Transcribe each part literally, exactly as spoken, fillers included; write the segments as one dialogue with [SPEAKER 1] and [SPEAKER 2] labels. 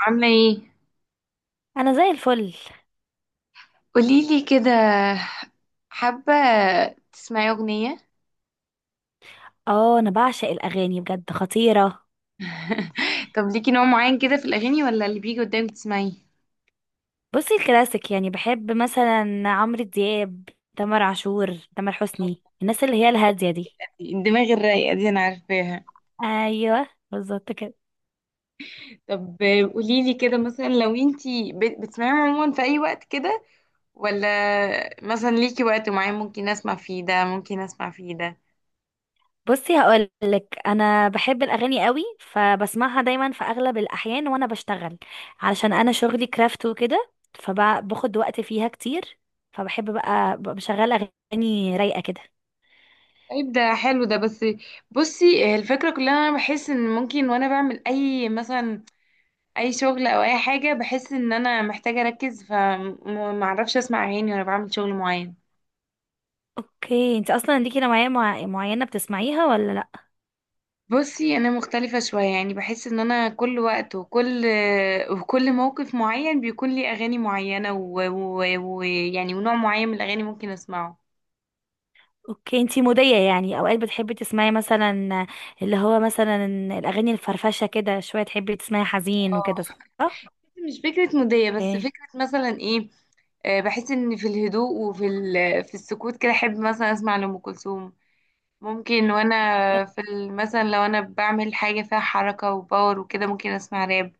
[SPEAKER 1] عاملة ايه؟
[SPEAKER 2] انا زي الفل.
[SPEAKER 1] قوليلي كده. حابة تسمعي أغنية؟
[SPEAKER 2] اه، انا بعشق الاغاني بجد خطيره.
[SPEAKER 1] طب ليكي نوع معين كده في الأغاني، ولا اللي بيجي قدامك تسمعيه؟
[SPEAKER 2] بصي، الكلاسيك يعني بحب مثلا عمرو دياب، تامر عاشور، تامر حسني، الناس اللي هي الهاديه دي.
[SPEAKER 1] الدماغ الرايقة دي أنا عارفاها.
[SPEAKER 2] ايوه بالظبط كده.
[SPEAKER 1] طب قوليلي كده، مثلا لو انتي بت- بتسمعيهم عموما في أي وقت كده، ولا مثلا ليكي وقت معين ممكن أسمع فيه ده، ممكن أسمع فيه ده.
[SPEAKER 2] بصي هقولك، انا بحب الاغاني قوي، فبسمعها دايما في اغلب الاحيان وانا بشتغل. علشان انا شغلي كرافت وكده، فباخد وقت فيها كتير. فبحب بقى ببقى بشغل اغاني رايقه كده.
[SPEAKER 1] طيب ده حلو ده، بس بصي الفكرة كلها، أنا بحس إن ممكن وأنا بعمل أي مثلا، اي شغل او اي حاجه، بحس ان انا محتاجه اركز فمعرفش اسمع اغاني وانا بعمل شغل معين.
[SPEAKER 2] اوكي، انت اصلا ليكي نوعيه مع- معينه بتسمعيها ولا؟
[SPEAKER 1] بصي انا مختلفه شويه، يعني بحس ان انا كل وقت وكل وكل موقف معين بيكون لي اغاني معينه، ويعني و... و... و- يعني ونوع معين من الاغاني ممكن اسمعه.
[SPEAKER 2] اوكي، انتي مودية، يعني اوقات بتحبي تسمعي مثلا، اللي هو مثلا الاغاني الفرفشة كده شوية، تحبي تسمعي حزين
[SPEAKER 1] آه،
[SPEAKER 2] وكده، صح؟
[SPEAKER 1] مش فكره موديه، بس
[SPEAKER 2] اوكي.
[SPEAKER 1] فكره مثلا ايه. آه، بحس ان في الهدوء، وفي ال... في السكوت كده احب مثلا اسمع لأم كلثوم. ممكن وانا في ال- مثلا لو انا بعمل حاجة فيها حركة وباور وكده، ممكن اسمع راب.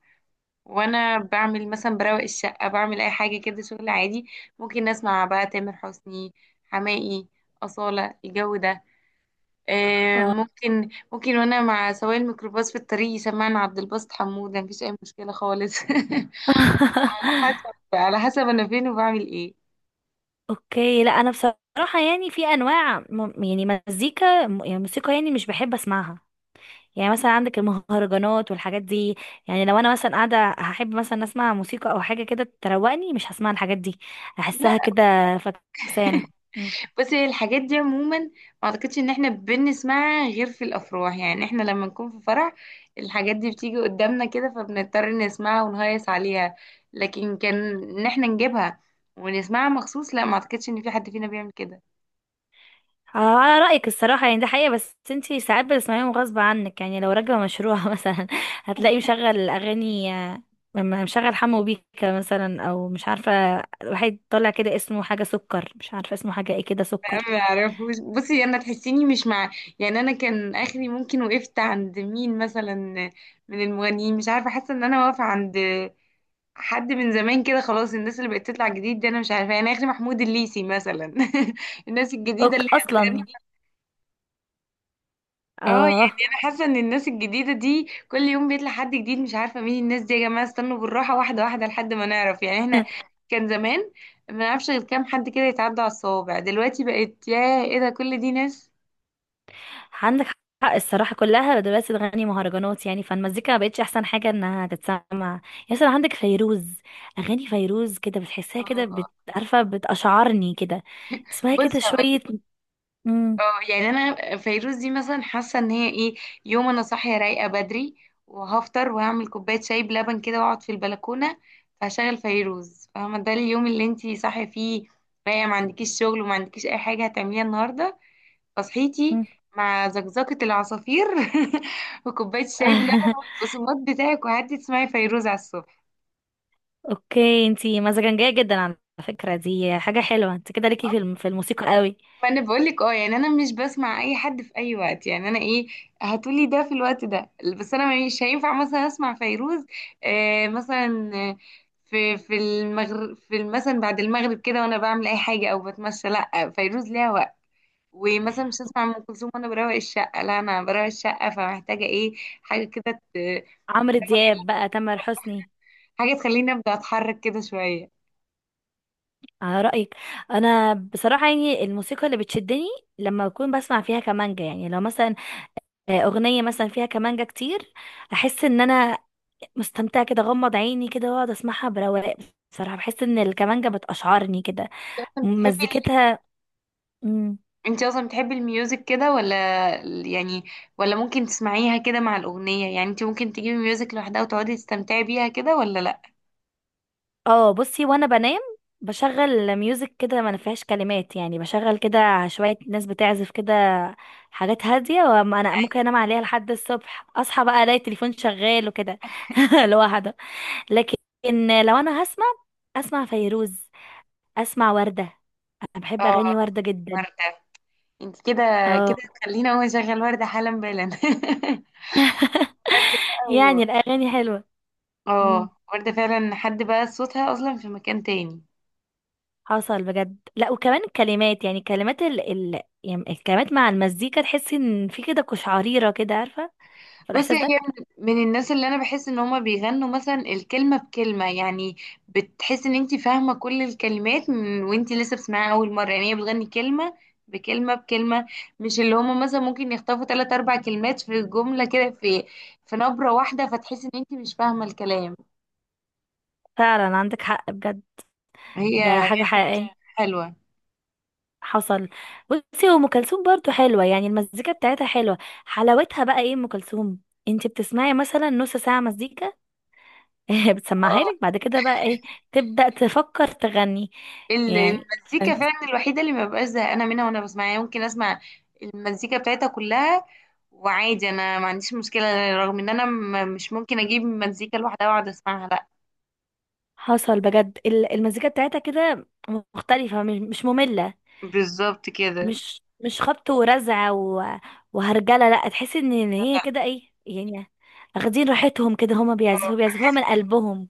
[SPEAKER 1] وانا بعمل مثلا بروق الشقة، بعمل اي حاجة كده شغل عادي، ممكن اسمع بقى تامر حسني، حماقي، أصالة، الجو ده. آه،
[SPEAKER 2] اه.
[SPEAKER 1] ممكن ممكن وانا مع سواق الميكروباص في الطريق يسمعني عبد الباسط حمود، مفيش اي مشكلة خالص. حسب، على حسب انا فين وبعمل ايه.
[SPEAKER 2] اوكي، لا انا بصراحة يعني في انواع م- يعني مزيكا م- يعني موسيقى، يعني مش بحب اسمعها. يعني مثلا عندك المهرجانات والحاجات دي. يعني لو انا مثلا قاعدة هحب مثلا اسمع موسيقى او حاجة كده تروقني، مش هسمع الحاجات دي.
[SPEAKER 1] لا،
[SPEAKER 2] احسها كده فكسانة.
[SPEAKER 1] بصي الحاجات دي عموما ما اعتقدش ان احنا بنسمعها غير في الافراح، يعني احنا لما نكون في فرح الحاجات دي بتيجي قدامنا كده، فبنضطر نسمعها ونهيص عليها. لكن كان ان احنا نجيبها ونسمعها مخصوص، لا، ما اعتقدش ان في حد فينا بيعمل كده.
[SPEAKER 2] اه، على رأيك الصراحة، يعني ده حقيقة. بس انتي ساعات بتسمعيهم غصب عنك، يعني لو راكبة مشروع مثلا هتلاقيه مشغل أغاني، آه، م- مشغل حمو بيكا مثلا أو مش عارفة، واحد طالع كده اسمه حاجة سكر، مش عارفة اسمه حاجة ايه كده، سكر.
[SPEAKER 1] ما اعرفوش. بصي انا تحسيني مش مع، يعني انا كان اخري ممكن وقفت عند مين مثلا من المغنيين، مش عارفه، حاسه ان انا واقفه عند حد من زمان كده خلاص. الناس اللي بقت تطلع جديد دي انا مش عارفه، يعني اخر محمود الليثي مثلا. الناس الجديده
[SPEAKER 2] اوك
[SPEAKER 1] اللي هي
[SPEAKER 2] أصلا.
[SPEAKER 1] بتغني- اه
[SPEAKER 2] اه.
[SPEAKER 1] يعني انا حاسه ان الناس الجديده دي كل يوم بيطلع حد جديد، مش عارفه مين الناس دي. يا جماعه استنوا بالراحه، واحده واحده، لحد ما نعرف. يعني احنا كان زمان ما نعرفش غير كام حد كده يتعدى على الصوابع، دلوقتي بقت يا ايه ده، كل دي ناس.
[SPEAKER 2] عندك حق الصراحة، كلها دلوقتي تغني مهرجانات، يعني فالمزيكا ما بقتش أحسن حاجة إنها تتسمع. يا سلام عندك فيروز. أغاني فيروز كده بتحسها كده،
[SPEAKER 1] اه.
[SPEAKER 2] بت- عارفة، بتأشعرني كده، تسمعي كده
[SPEAKER 1] بصي
[SPEAKER 2] شوية. مم.
[SPEAKER 1] اه، يعني انا فيروز دي مثلا حاسه ان هي ايه، يوم انا صاحيه رايقه بدري وهفطر وهعمل كوبايه شاي بلبن كده واقعد في البلكونه، فهشغل فيروز. فاهمه، ده اليوم اللي انتي صاحيه فيه رايقه، ما عندكيش شغل وما عندكيش اي حاجه هتعمليها النهارده، فصحيتي
[SPEAKER 2] مم.
[SPEAKER 1] مع زقزقه العصافير وكوبايه شاي بلبن والبقسماط بتاعك، وقعدتي تسمعي فيروز على الصبح.
[SPEAKER 2] اوكي، انتي مزاجنجية جدا على فكرة. دي حاجة حلوة، انت كده ليكي في الم- في الموسيقى قوي.
[SPEAKER 1] وانا بقول لك اه، يعني انا مش بسمع اي حد في اي وقت. يعني انا ايه، هتقولي ده في الوقت ده، بس انا مش هينفع مثلا اسمع فيروز آه مثلا آه، في في المغرب، في ال- مثلا بعد المغرب كده وانا بعمل اي حاجه او بتمشى، لا فيروز ليها وقت. ومثلا مش هسمع ام كلثوم وانا بروق الشقه، لا انا بروق الشقه فمحتاجه ايه، حاجه كده ت-
[SPEAKER 2] عمرو دياب بقى، تامر حسني.
[SPEAKER 1] حاجه تخليني ابدا اتحرك كده شويه.
[SPEAKER 2] على رأيك. انا بصراحة يعني الموسيقى اللي بتشدني لما اكون بسمع فيها كمانجا، يعني لو مثلا آه، اغنية مثلا فيها كمانجا كتير، احس ان انا مستمتعة كده، غمض عيني كده واقعد اسمعها برواق. بصراحة بحس ان الكمانجا بتقشعرني كده
[SPEAKER 1] بتحبي،
[SPEAKER 2] مزيكتها.
[SPEAKER 1] انت اصلا بتحبي الميوزك كده، ولا يعني، ولا ممكن تسمعيها كده مع الاغنيه؟ يعني انت ممكن تجيبي ميوزك لوحدها وتقعدي تستمتعي بيها كده، ولا لا؟
[SPEAKER 2] اه، بصي وانا بنام بشغل ميوزك كده ما فيهاش كلمات، يعني بشغل كده شوية ناس بتعزف كده، حاجات هادية، وانا ممكن انام عليها لحد الصبح، اصحى بقى الاقي التليفون شغال وكده لوحده. لكن لو انا هسمع، اسمع فيروز، اسمع وردة. انا بحب
[SPEAKER 1] اه
[SPEAKER 2] اغاني وردة جدا.
[SPEAKER 1] ورده. انت كده، كده
[SPEAKER 2] اه.
[SPEAKER 1] خلينا هو شغال ورده حالا بالا. ورده بقى و-
[SPEAKER 2] يعني الاغاني حلوة. إمم.
[SPEAKER 1] اه ورده فعلا، حد بقى صوتها اصلا في مكان تاني.
[SPEAKER 2] حصل بجد، لا وكمان الكلمات، يعني كلمات ال... ال... يعني الكلمات مع المزيكا تحس ان في كده قشعريرة كده، عارفة
[SPEAKER 1] بصي
[SPEAKER 2] فالاحساس
[SPEAKER 1] هي
[SPEAKER 2] ده.
[SPEAKER 1] من من الناس اللي انا بحس ان هما بيغنوا مثلا الكلمه بكلمه، يعني بتحس ان انت فاهمه كل الكلمات من وانت لسه بتسمعيها اول مره. يعني هي بتغني كلمه بكلمه بكلمه، مش اللي هما مثلا ممكن يخطفوا ثلاث اربع كلمات في جمله كده، في في نبره واحده فتحس ان انت مش فاهمه الكلام.
[SPEAKER 2] فعلا عندك حق بجد،
[SPEAKER 1] هي
[SPEAKER 2] ده حاجة
[SPEAKER 1] غنيه
[SPEAKER 2] حقيقية. مم.
[SPEAKER 1] حلوه.
[SPEAKER 2] حصل. بصي هو ام كلثوم برضه حلوة، يعني المزيكا بتاعتها حلوة. حلاوتها بقى ايه ام كلثوم؟ انت بتسمعي مثلا نص ساعة مزيكا بتسمعها لك، بعد كده بقى ايه تبدأ تفكر تغني.
[SPEAKER 1] ال-
[SPEAKER 2] يعني
[SPEAKER 1] المزيكا
[SPEAKER 2] فانت،
[SPEAKER 1] فعلا الوحيدة اللي ما ببقاش زهقانة منها وانا بسمعها، يعني ممكن اسمع المزيكا بتاعتها كلها وعادي، انا ما عنديش مشكلة، رغم ان انا م- مش ممكن اجيب مزيكا لوحدها واقعد اسمعها، لا.
[SPEAKER 2] حصل بجد ال- المزيكا بتاعتها كده مختلفة، مش مش مملة،
[SPEAKER 1] بالظبط كده.
[SPEAKER 2] مش مش خبط ورزع و... وهرجله. لا تحس ان إن
[SPEAKER 1] لا
[SPEAKER 2] هي
[SPEAKER 1] لا.
[SPEAKER 2] كده ايه يعني، اخدين راحتهم كده، هما بيعزفوا بيعزفوها من قلبهم.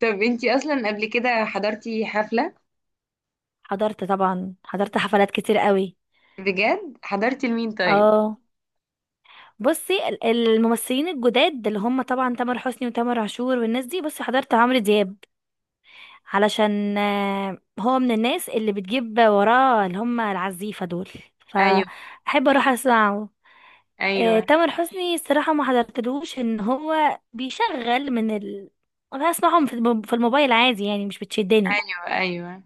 [SPEAKER 1] طب انتي اصلا قبل كده حضرتي حفلة؟
[SPEAKER 2] حضرت طبعا، حضرت حفلات كتير قوي.
[SPEAKER 1] بجد حضرتي لمين طيب؟
[SPEAKER 2] اه، بصي ال- الممثلين الجداد اللي هم طبعا تامر حسني وتامر عاشور والناس دي، بصي حضرت عمرو دياب، علشان آه، هو من الناس اللي بتجيب وراه اللي هم العزيفة دول،
[SPEAKER 1] ايوه،
[SPEAKER 2] فأحب أروح أسمعه. آه،
[SPEAKER 1] ايوه،
[SPEAKER 2] تامر حسني الصراحة ما حضرتلوش، ان هو بيشغل من ال انا اسمعهم في الم- في الموبايل عادي، يعني مش بتشدني.
[SPEAKER 1] ايوه، ايوه.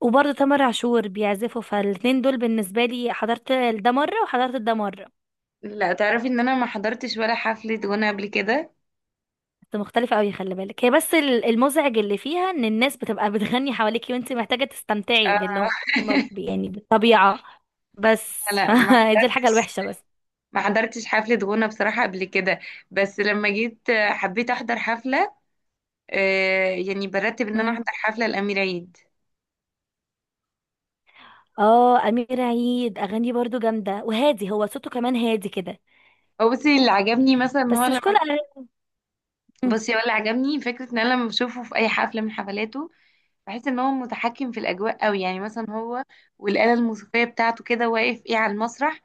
[SPEAKER 2] وبرضه تامر عاشور بيعزفوا، فالاتنين دول بالنسبة لي حضرت ده مرة وحضرت ده مرة،
[SPEAKER 1] لا، تعرفي ان انا ما حضرتش ولا حفلة وانا قبل كده.
[SPEAKER 2] بس مختلفة قوي. خلي بالك هي بس ال- المزعج اللي فيها ان الناس بتبقى بتغني حواليكي وانت محتاجة تستمتعي
[SPEAKER 1] آه.
[SPEAKER 2] باللي هم بي- يعني بالطبيعة، بس
[SPEAKER 1] لا ما
[SPEAKER 2] فدي
[SPEAKER 1] حضرتش،
[SPEAKER 2] الحاجة الوحشة بس.
[SPEAKER 1] ما حضرتش حفلة غنى بصراحة قبل كده، بس لما جيت آه، حبيت أحضر حفلة، آه، يعني برتب إن أنا
[SPEAKER 2] مم.
[SPEAKER 1] أحضر حفلة لأمير عيد.
[SPEAKER 2] اه، امير عيد اغانيه برضو جامدة وهادي، هو صوته كمان هادي كده،
[SPEAKER 1] هو بصي اللي عجبني مثلا إن هو
[SPEAKER 2] بس مش كل.
[SPEAKER 1] لما،
[SPEAKER 2] مم.
[SPEAKER 1] بصي هو اللي عجبني فكرة إن أنا لما بشوفه في أي حفلة من حفلاته بحس إن هو متحكم في الأجواء أوي، يعني مثلا هو والآلة الموسيقية بتاعته كده واقف إيه على المسرح.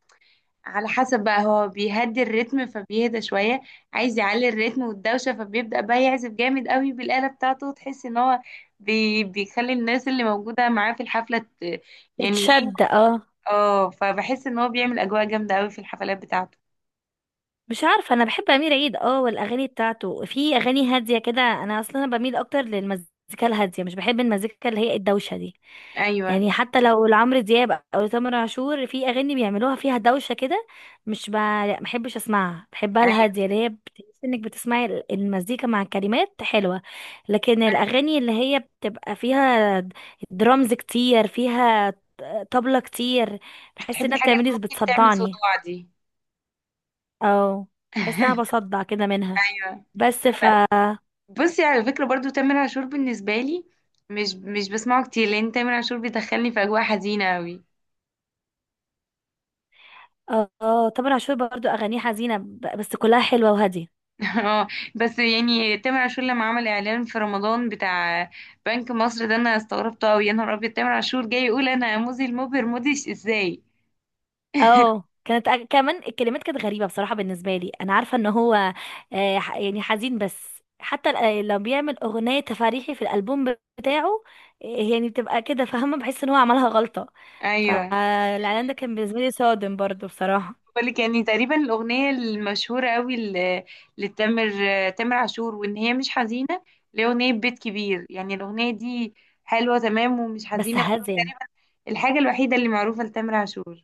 [SPEAKER 1] على حسب بقى هو بيهدي الريتم فبيهدى شوية، عايز يعلي الريتم والدوشة فبيبدأ بقى يعزف جامد قوي بالآلة بتاعته، وتحس ان هو بي بيخلي الناس اللي موجودة معاه في الحفلة ت- يعني ايه،
[SPEAKER 2] تتشد، اه.
[SPEAKER 1] اه، فبحس ان هو بيعمل أجواء جامدة قوي في الحفلات بتاعته.
[SPEAKER 2] مش عارفه، انا بحب امير عيد، اه والاغاني بتاعته في اغاني هاديه كده. انا اصلا بميل اكتر للمزيكا الهاديه، مش بحب المزيكا اللي هي الدوشه دي.
[SPEAKER 1] ايوه،
[SPEAKER 2] يعني حتى لو لعمرو دياب او لتامر عاشور في اغاني بيعملوها فيها دوشه كده، مش ب... لا ما بحبش اسمعها. بحبها
[SPEAKER 1] ايوه.
[SPEAKER 2] الهاديه، اللي هي بتحس انك بتسمعي ال- المزيكا مع كلمات حلوه. لكن
[SPEAKER 1] انا
[SPEAKER 2] الاغاني اللي هي بتبقى فيها درامز كتير، فيها طبلة كتير،
[SPEAKER 1] مش
[SPEAKER 2] بحس
[SPEAKER 1] بحب
[SPEAKER 2] انها
[SPEAKER 1] الحاجة اللي
[SPEAKER 2] بتعملي
[SPEAKER 1] ممكن تعمل
[SPEAKER 2] بتصدعني.
[SPEAKER 1] صداع دي.
[SPEAKER 2] اه، حاسه انا بصدع كده منها.
[SPEAKER 1] ايوه،
[SPEAKER 2] بس
[SPEAKER 1] لا
[SPEAKER 2] ف
[SPEAKER 1] لا. بصي على فكرة برضو تامر عاشور بالنسبة لي مش مش بسمعه كتير، لان تامر عاشور بيدخلني في أجواء حزينة قوي.
[SPEAKER 2] اه، تامر عاشور برضو اغانيه حزينه، ب- بس كلها حلوه وهاديه.
[SPEAKER 1] اه، بس يعني تامر عاشور لما عمل اعلان في رمضان بتاع بنك مصر ده، انا استغربته قوي. يا نهار ابيض، تامر عاشور جاي يقول انا موزي المبهر موديش ازاي!
[SPEAKER 2] اه كانت، أ- كمان الكلمات كانت غريبه بصراحه، بالنسبه لي انا عارفه ان هو آه، ح- يعني حزين، بس حتى ال- آه، لو بيعمل اغنيه تفاريحي في الالبوم بتاعه، آه، يعني بتبقى كده، فاهمه بحس ان هو عملها غلطه.
[SPEAKER 1] ايوه.
[SPEAKER 2] فالاعلان ده كان بالنسبه لي صادم برضو بصراحه.
[SPEAKER 1] بالك، يعني تقريبا الاغنيه المشهوره قوي ل- لتامر تامر عاشور وان هي مش حزينه، اللي هي اغنيه بيت كبير، يعني الاغنيه دي حلوه تمام ومش
[SPEAKER 2] بس
[SPEAKER 1] حزينه.
[SPEAKER 2] هاديه.
[SPEAKER 1] تقريبا الحاجه الوحيده اللي معروفه لتامر عاشور.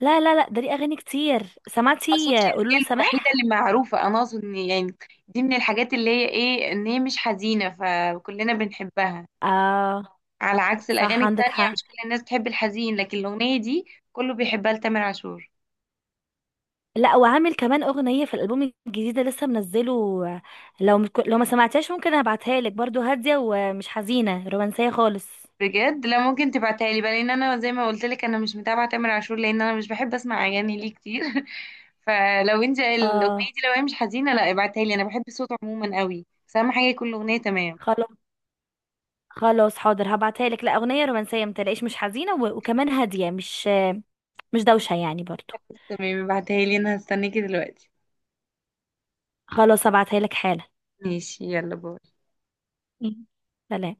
[SPEAKER 2] لا لا لا، ده ليه اغاني كتير، سمعتي
[SPEAKER 1] اقصدش
[SPEAKER 2] آه،
[SPEAKER 1] ان
[SPEAKER 2] قولوا
[SPEAKER 1] هي
[SPEAKER 2] له
[SPEAKER 1] الوحيده
[SPEAKER 2] سماح؟
[SPEAKER 1] اللي معروفه، انا اقصد ان يعني دي من الحاجات اللي هي ايه، ان هي مش حزينه فكلنا بنحبها
[SPEAKER 2] اه،
[SPEAKER 1] على عكس الاغاني
[SPEAKER 2] صح عندك
[SPEAKER 1] التانية.
[SPEAKER 2] حق.
[SPEAKER 1] مش كل الناس بتحب الحزين، لكن الاغنيه دي كله بيحبها لتامر عاشور.
[SPEAKER 2] لا، وعامل كمان اغنيه في الالبوم الجديد اللي لسه منزله، لو مك... لو ما سمعتهاش ممكن ابعتها لك، برضو هاديه ومش حزينه، رومانسيه خالص.
[SPEAKER 1] بجد؟ لا ممكن تبعتها لي بقى، لان انا زي ما قلت لك انا مش متابعه تامر عاشور، لان انا مش بحب اسمع اغاني ليه كتير. فلو انت
[SPEAKER 2] اه،
[SPEAKER 1] الاغنيه دي لو هي مش حزينه، لا ابعتها لي، انا بحب صوته عموما قوي، بس اهم حاجه يكون الاغنيه تمام.
[SPEAKER 2] خلاص. خلاص حاضر هبعتها لك. لا اغنيه رومانسيه متلاقيش، مش حزينه و... وكمان هاديه، مش مش دوشه يعني برضو.
[SPEAKER 1] تمام ابعتها لي، انا هستناكي دلوقتي.
[SPEAKER 2] خلاص هبعتها لك حالا.
[SPEAKER 1] ماشي، يلا باي.
[SPEAKER 2] مم. سلام.